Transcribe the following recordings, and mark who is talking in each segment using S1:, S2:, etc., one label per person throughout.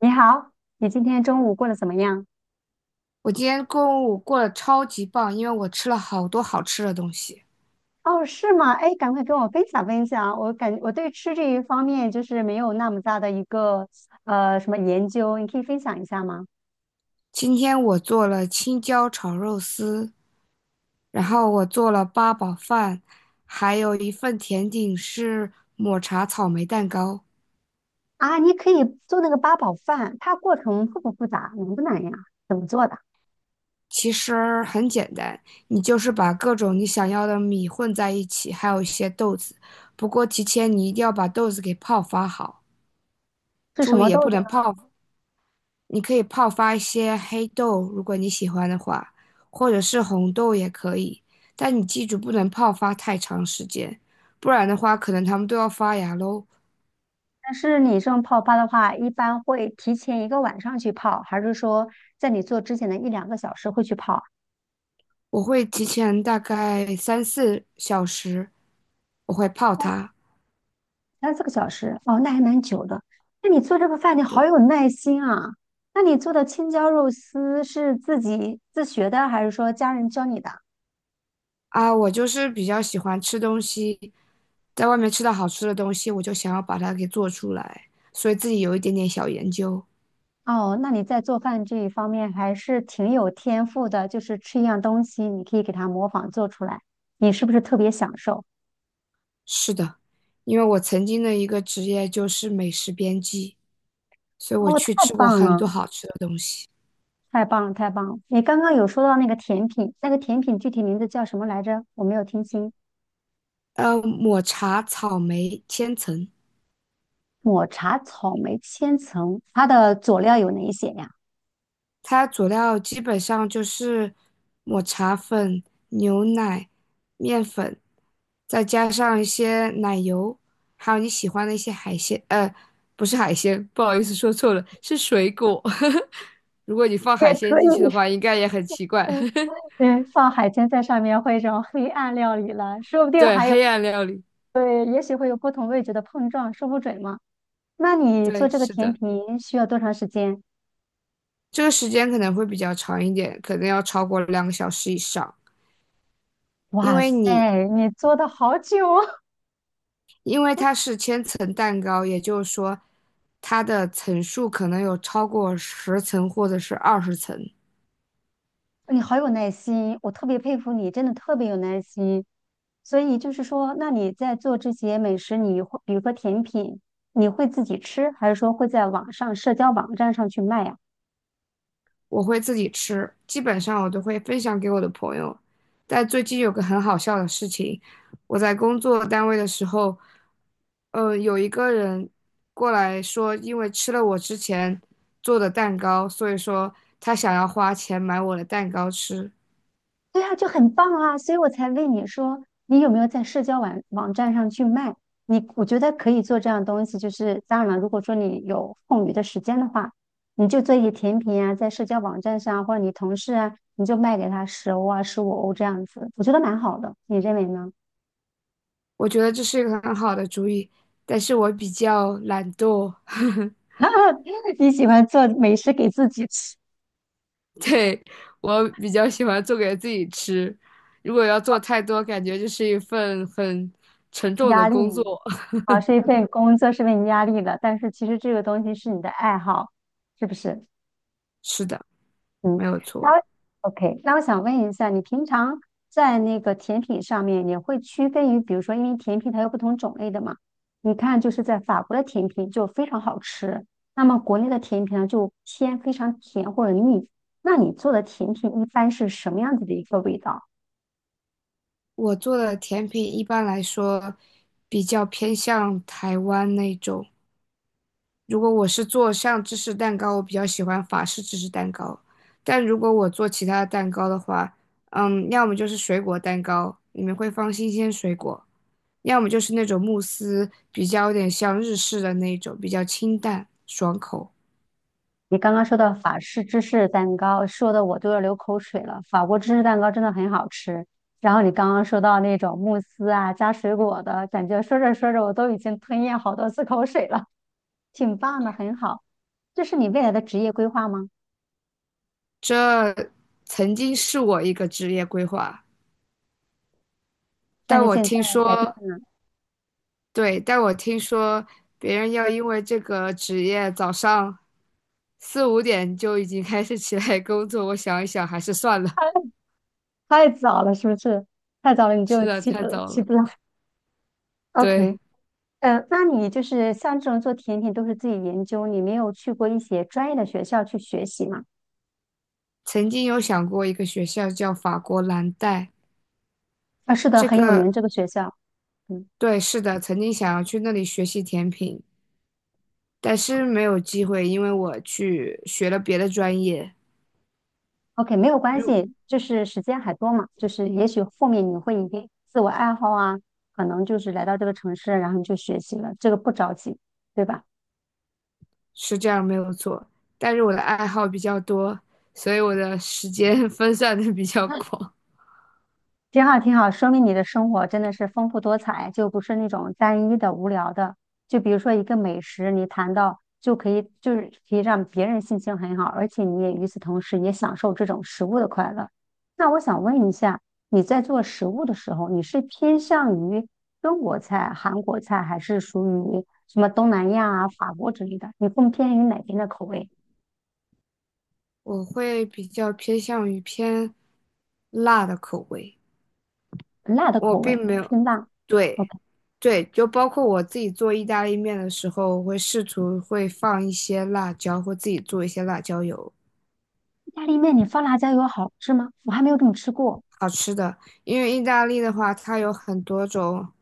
S1: 你好，你今天中午过得怎么样？
S2: 我今天中午过得超级棒，因为我吃了好多好吃的东西。
S1: 哦，是吗？哎，赶快跟我分享分享。我对吃这一方面就是没有那么大的一个什么研究，你可以分享一下吗？
S2: 今天我做了青椒炒肉丝，然后我做了八宝饭，还有一份甜点是抹茶草莓蛋糕。
S1: 啊，你可以做那个八宝饭，它过程复不复杂，难不难呀？怎么做的？
S2: 其实很简单，你就是把各种你想要的米混在一起，还有一些豆子。不过提前你一定要把豆子给泡发好，
S1: 是什
S2: 注
S1: 么
S2: 意也
S1: 豆
S2: 不
S1: 子
S2: 能
S1: 呢
S2: 泡。你可以泡发一些黑豆，如果你喜欢的话，或者是红豆也可以。但你记住，不能泡发太长时间，不然的话，可能它们都要发芽喽。
S1: 但是你这种泡发的话，一般会提前一个晚上去泡，还是说在你做之前的一两个小时会去泡？
S2: 我会提前大概3、4小时，我会泡它。
S1: 三四个小时，哦，那还蛮久的。那你做这个饭，你
S2: 对
S1: 好有耐心啊！那你做的青椒肉丝是自己自学的，还是说家人教你的？
S2: 啊，我就是比较喜欢吃东西，在外面吃到好吃的东西，我就想要把它给做出来，所以自己有一点点小研究。
S1: 哦，那你在做饭这一方面还是挺有天赋的，就是吃一样东西，你可以给它模仿做出来，你是不是特别享受？
S2: 是的，因为我曾经的一个职业就是美食编辑。所以我
S1: 哦，
S2: 去
S1: 太
S2: 吃过
S1: 棒
S2: 很
S1: 了，
S2: 多好吃的东西。
S1: 太棒了，太棒了！你刚刚有说到那个甜品，那个甜品具体名字叫什么来着？我没有听清。
S2: 抹茶草莓千层，
S1: 抹茶草莓千层，它的佐料有哪一些呀？
S2: 它佐料基本上就是抹茶粉、牛奶、面粉，再加上一些奶油，还有你喜欢的一些海鲜。不是海鲜，不好意思说错了，是水果。如果你放
S1: 也
S2: 海
S1: 可
S2: 鲜
S1: 以，
S2: 进去的话，应该也很奇怪。
S1: 对，放海鲜在上面会种黑暗料理了，说不 定
S2: 对，
S1: 还有，
S2: 黑暗料理，
S1: 对，也许会有不同味觉的碰撞，说不准嘛。那你做
S2: 对，
S1: 这个
S2: 是
S1: 甜
S2: 的，
S1: 品需要多长时间？
S2: 这个时间可能会比较长一点，可能要超过2个小时以上。因
S1: 哇
S2: 为
S1: 塞，
S2: 你
S1: 你做的好久啊，
S2: 因为它是千层蛋糕，也就是说它的层数可能有超过十层或者是20层。
S1: 你好有耐心，我特别佩服你，真的特别有耐心。所以就是说，那你在做这些美食，你会比如说甜品，你会自己吃，还是说会在网上社交网站上去卖呀？
S2: 我会自己吃，基本上我都会分享给我的朋友。但最近有个很好笑的事情，我在工作单位的时候，有一个人过来说，因为吃了我之前做的蛋糕，所以说他想要花钱买我的蛋糕吃。
S1: 对啊，就很棒啊，所以我才问你说，你有没有在社交网站上去卖？你我觉得可以做这样的东西，就是当然了，如果说你有空余的时间的话，你就做一些甜品啊，在社交网站上或者你同事啊，你就卖给他10欧啊、15欧这样子，我觉得蛮好的，你认为呢？
S2: 我觉得这是一个很好的主意，但是我比较懒惰，
S1: 你喜欢做美食给自己吃，
S2: 对，我比较喜欢做给自己吃。如果要做太多，感觉就是一份很沉重的
S1: 压力
S2: 工作。
S1: 啊，是一份工作是为你压力的，但是其实这个东西是你的爱好，是不是？
S2: 是的，没
S1: 嗯，
S2: 有
S1: 那
S2: 错。
S1: 我 OK，那我想问一下，你平常在那个甜品上面，也会区分于，比如说，因为甜品它有不同种类的嘛，你看就是在法国的甜品就非常好吃，那么国内的甜品呢就偏非常甜或者腻，那你做的甜品一般是什么样子的一个味道？
S2: 我做的甜品一般来说比较偏向台湾那种，如果我是做像芝士蛋糕，我比较喜欢法式芝士蛋糕。但如果我做其他的蛋糕的话，嗯，要么就是水果蛋糕，里面会放新鲜水果；要么就是那种慕斯，比较有点像日式的那种，比较清淡爽口。
S1: 你刚刚说到法式芝士蛋糕，说的我都要流口水了。法国芝士蛋糕真的很好吃。然后你刚刚说到那种慕斯啊，加水果的，感觉说着说着我都已经吞咽好多次口水了，挺棒的，很好。这是你未来的职业规划吗？
S2: 这曾经是我一个职业规划，
S1: 但
S2: 但
S1: 是
S2: 我
S1: 现
S2: 听
S1: 在改变
S2: 说
S1: 了，
S2: 对，但我听说别人要因为这个职业早上4、5点就已经开始起来工作，我想一想还是算了，
S1: 太早了，是不是？太早了你
S2: 是
S1: 就
S2: 的，
S1: 起
S2: 太
S1: 不来，
S2: 早
S1: 起
S2: 了。
S1: 不来。
S2: 对，
S1: OK，那你就是像这种做甜品都是自己研究，你没有去过一些专业的学校去学习吗？
S2: 曾经有想过一个学校叫法国蓝带，
S1: 啊，是的，
S2: 这
S1: 很有
S2: 个
S1: 名这个学校。嗯。
S2: 对，是的，曾经想要去那里学习甜品，但是没有机会，因为我去学了别的专业，
S1: OK，没有关系，就是时间还多嘛，就是也许后面你会一定自我爱好啊，可能就是来到这个城市，然后你就学习了，这个不着急，对吧？
S2: 是这样没有错。但是我的爱好比较多，所以我的时间 分散的比较广。
S1: 挺好，挺好，说明你的生活真的是丰富多彩，就不是那种单一的、无聊的。就比如说一个美食，你谈到就可以，就是可以让别人心情很好，而且你也与此同时也享受这种食物的快乐。那我想问一下，你在做食物的时候，你是偏向于中国菜、韩国菜，还是属于什么东南亚啊、法国之类的？你更偏于哪边的口味？
S2: 我会比较偏向于偏辣的口味，
S1: 辣的
S2: 我
S1: 口
S2: 并
S1: 味，
S2: 没有，
S1: 辛辣。
S2: 对，
S1: OK，
S2: 对，就包括我自己做意大利面的时候，我会试图会放一些辣椒，或自己做一些辣椒油，
S1: 意大利面你放辣椒油好吃吗？我还没有这么吃过。
S2: 好吃的。因为意大利的话，它有很多种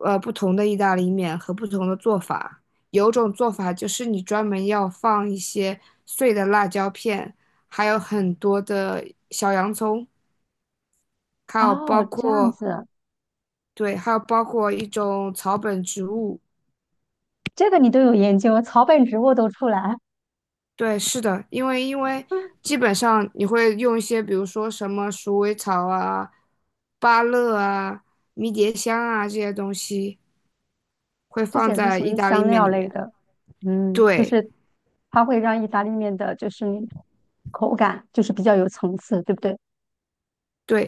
S2: 不同的意大利面和不同的做法，有种做法就是你专门要放一些碎的辣椒片，还有很多的小洋葱。还
S1: 哦，
S2: 有包
S1: 这样
S2: 括
S1: 子，
S2: 对，还有包括一种草本植物，
S1: 这个你都有研究，草本植物都出来，
S2: 对，是的，因为 基本上你会用一些，比如说什么鼠尾草啊、芭乐啊、迷迭香啊这些东西，会
S1: 这
S2: 放
S1: 些是
S2: 在
S1: 属
S2: 意
S1: 于
S2: 大利
S1: 香
S2: 面
S1: 料
S2: 里
S1: 类
S2: 面。
S1: 的。嗯，就
S2: 对，
S1: 是它会让意大利面的，就是那种口感就是比较有层次，对不对？
S2: 对，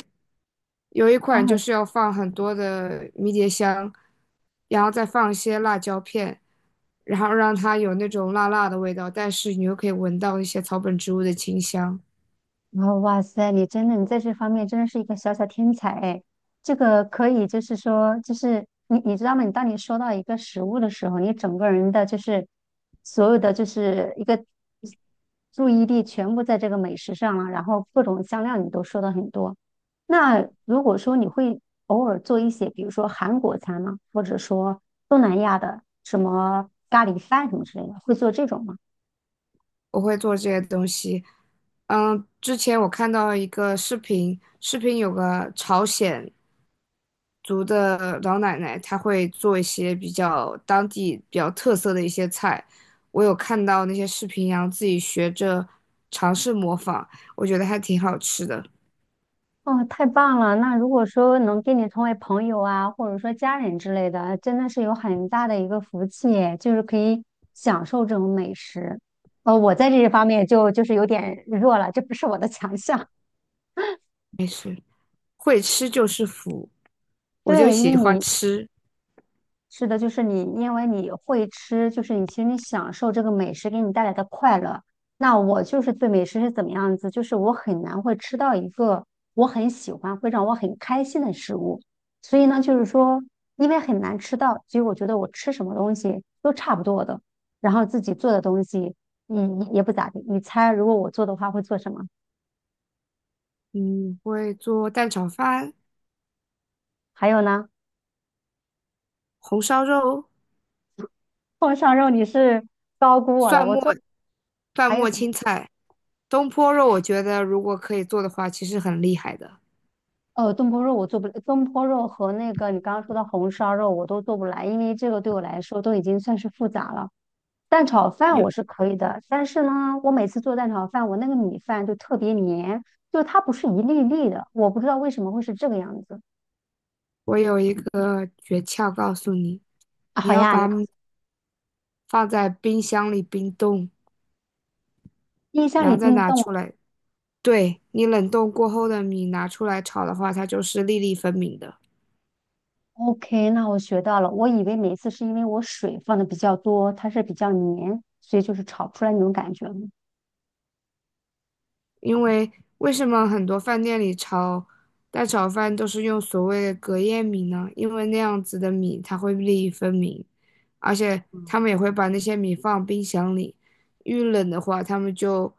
S2: 有一
S1: 啊，
S2: 款就是要放很多的迷迭香，然后再放一些辣椒片，然后让它有那种辣辣的味道，但是你又可以闻到一些草本植物的清香。
S1: 然后，哇塞，你真的，你在这方面真的是一个小小天才哎！这个可以，就是说，就是你知道吗？你当你收到一个食物的时候，你整个人的就是所有的就是一个注意力全部在这个美食上了，然后各种香料你都说的很多。那如果说你会偶尔做一些，比如说韩国餐吗？或者说东南亚的什么咖喱饭什么之类的，会做这种吗？
S2: 我会做这些东西。嗯，之前我看到一个视频，视频有个朝鲜族的老奶奶，她会做一些比较当地比较特色的一些菜。我有看到那些视频，然后自己学着尝试模仿，我觉得还挺好吃的。
S1: 哦，太棒了！那如果说能跟你成为朋友啊，或者说家人之类的，真的是有很大的一个福气耶就是可以享受这种美食。呃，我在这一方面就是有点弱了，这不是我的强项。
S2: 会吃就是福，我就
S1: 对，因为
S2: 喜欢
S1: 你
S2: 吃。
S1: 是的，就是你，因为你会吃，就是你其实你享受这个美食给你带来的快乐。那我就是对美食是怎么样子，就是我很难会吃到一个我很喜欢、会让我很开心的食物。所以呢，就是说，因为很难吃到，所以我觉得我吃什么东西都差不多的。然后自己做的东西，嗯，也不咋地。你猜，如果我做的话会做什么？
S2: 嗯，会做蛋炒饭、
S1: 还有呢，
S2: 红烧肉。
S1: 碰上肉你是高估我了，
S2: 蒜
S1: 我
S2: 末、
S1: 做。
S2: 蒜
S1: 还有
S2: 末
S1: 什么？
S2: 青菜、东坡肉，我觉得如果可以做的话，其实很厉害的。
S1: 东坡肉我做不，东坡肉和那个你刚刚说的红烧肉我都做不来，因为这个对我来说都已经算是复杂了。蛋炒饭
S2: 有
S1: 我是可以的，但是呢，我每次做蛋炒饭，我那个米饭就特别黏，就是它不是一粒粒的，我不知道为什么会是这个样子。
S2: 我有一个诀窍告诉你，
S1: 啊
S2: 你
S1: 好
S2: 要
S1: 呀，你
S2: 把米放在冰箱里冰冻，
S1: 冰箱
S2: 然
S1: 里
S2: 后再
S1: 冰
S2: 拿
S1: 冻
S2: 出
S1: 了
S2: 来。对，你冷冻过后的米拿出来炒的话，它就是粒粒分明的。
S1: OK，那我学到了。我以为每次是因为我水放的比较多，它是比较黏，所以就是炒不出来那种感觉。
S2: 因为为什么很多饭店里炒蛋炒饭都是用所谓的隔夜米呢？因为那样子的米它会粒粒分明，而且他们也会把那些米放冰箱里，遇冷的话他们就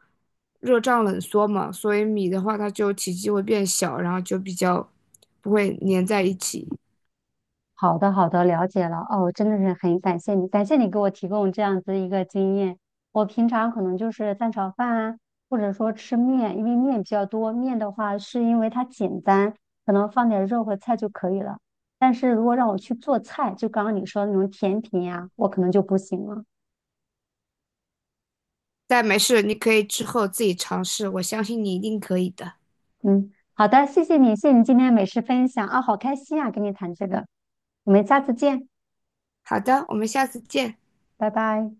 S2: 热胀冷缩嘛，所以米的话它就体积会变小，然后就比较不会粘在一起。
S1: 好的，好的，了解了。哦，真的是很感谢你，感谢你给我提供这样子一个经验。我平常可能就是蛋炒饭啊，或者说吃面，因为面比较多。面的话，是因为它简单，可能放点肉和菜就可以了。但是如果让我去做菜，就刚刚你说的那种甜品呀、我可能就不行了。
S2: 但没事，你可以之后自己尝试，我相信你一定可以的。
S1: 嗯，好的，谢谢你，谢谢你今天美食分享啊，好开心啊，跟你谈这个。我们下次见，
S2: 好的，我们下次见。
S1: 拜拜。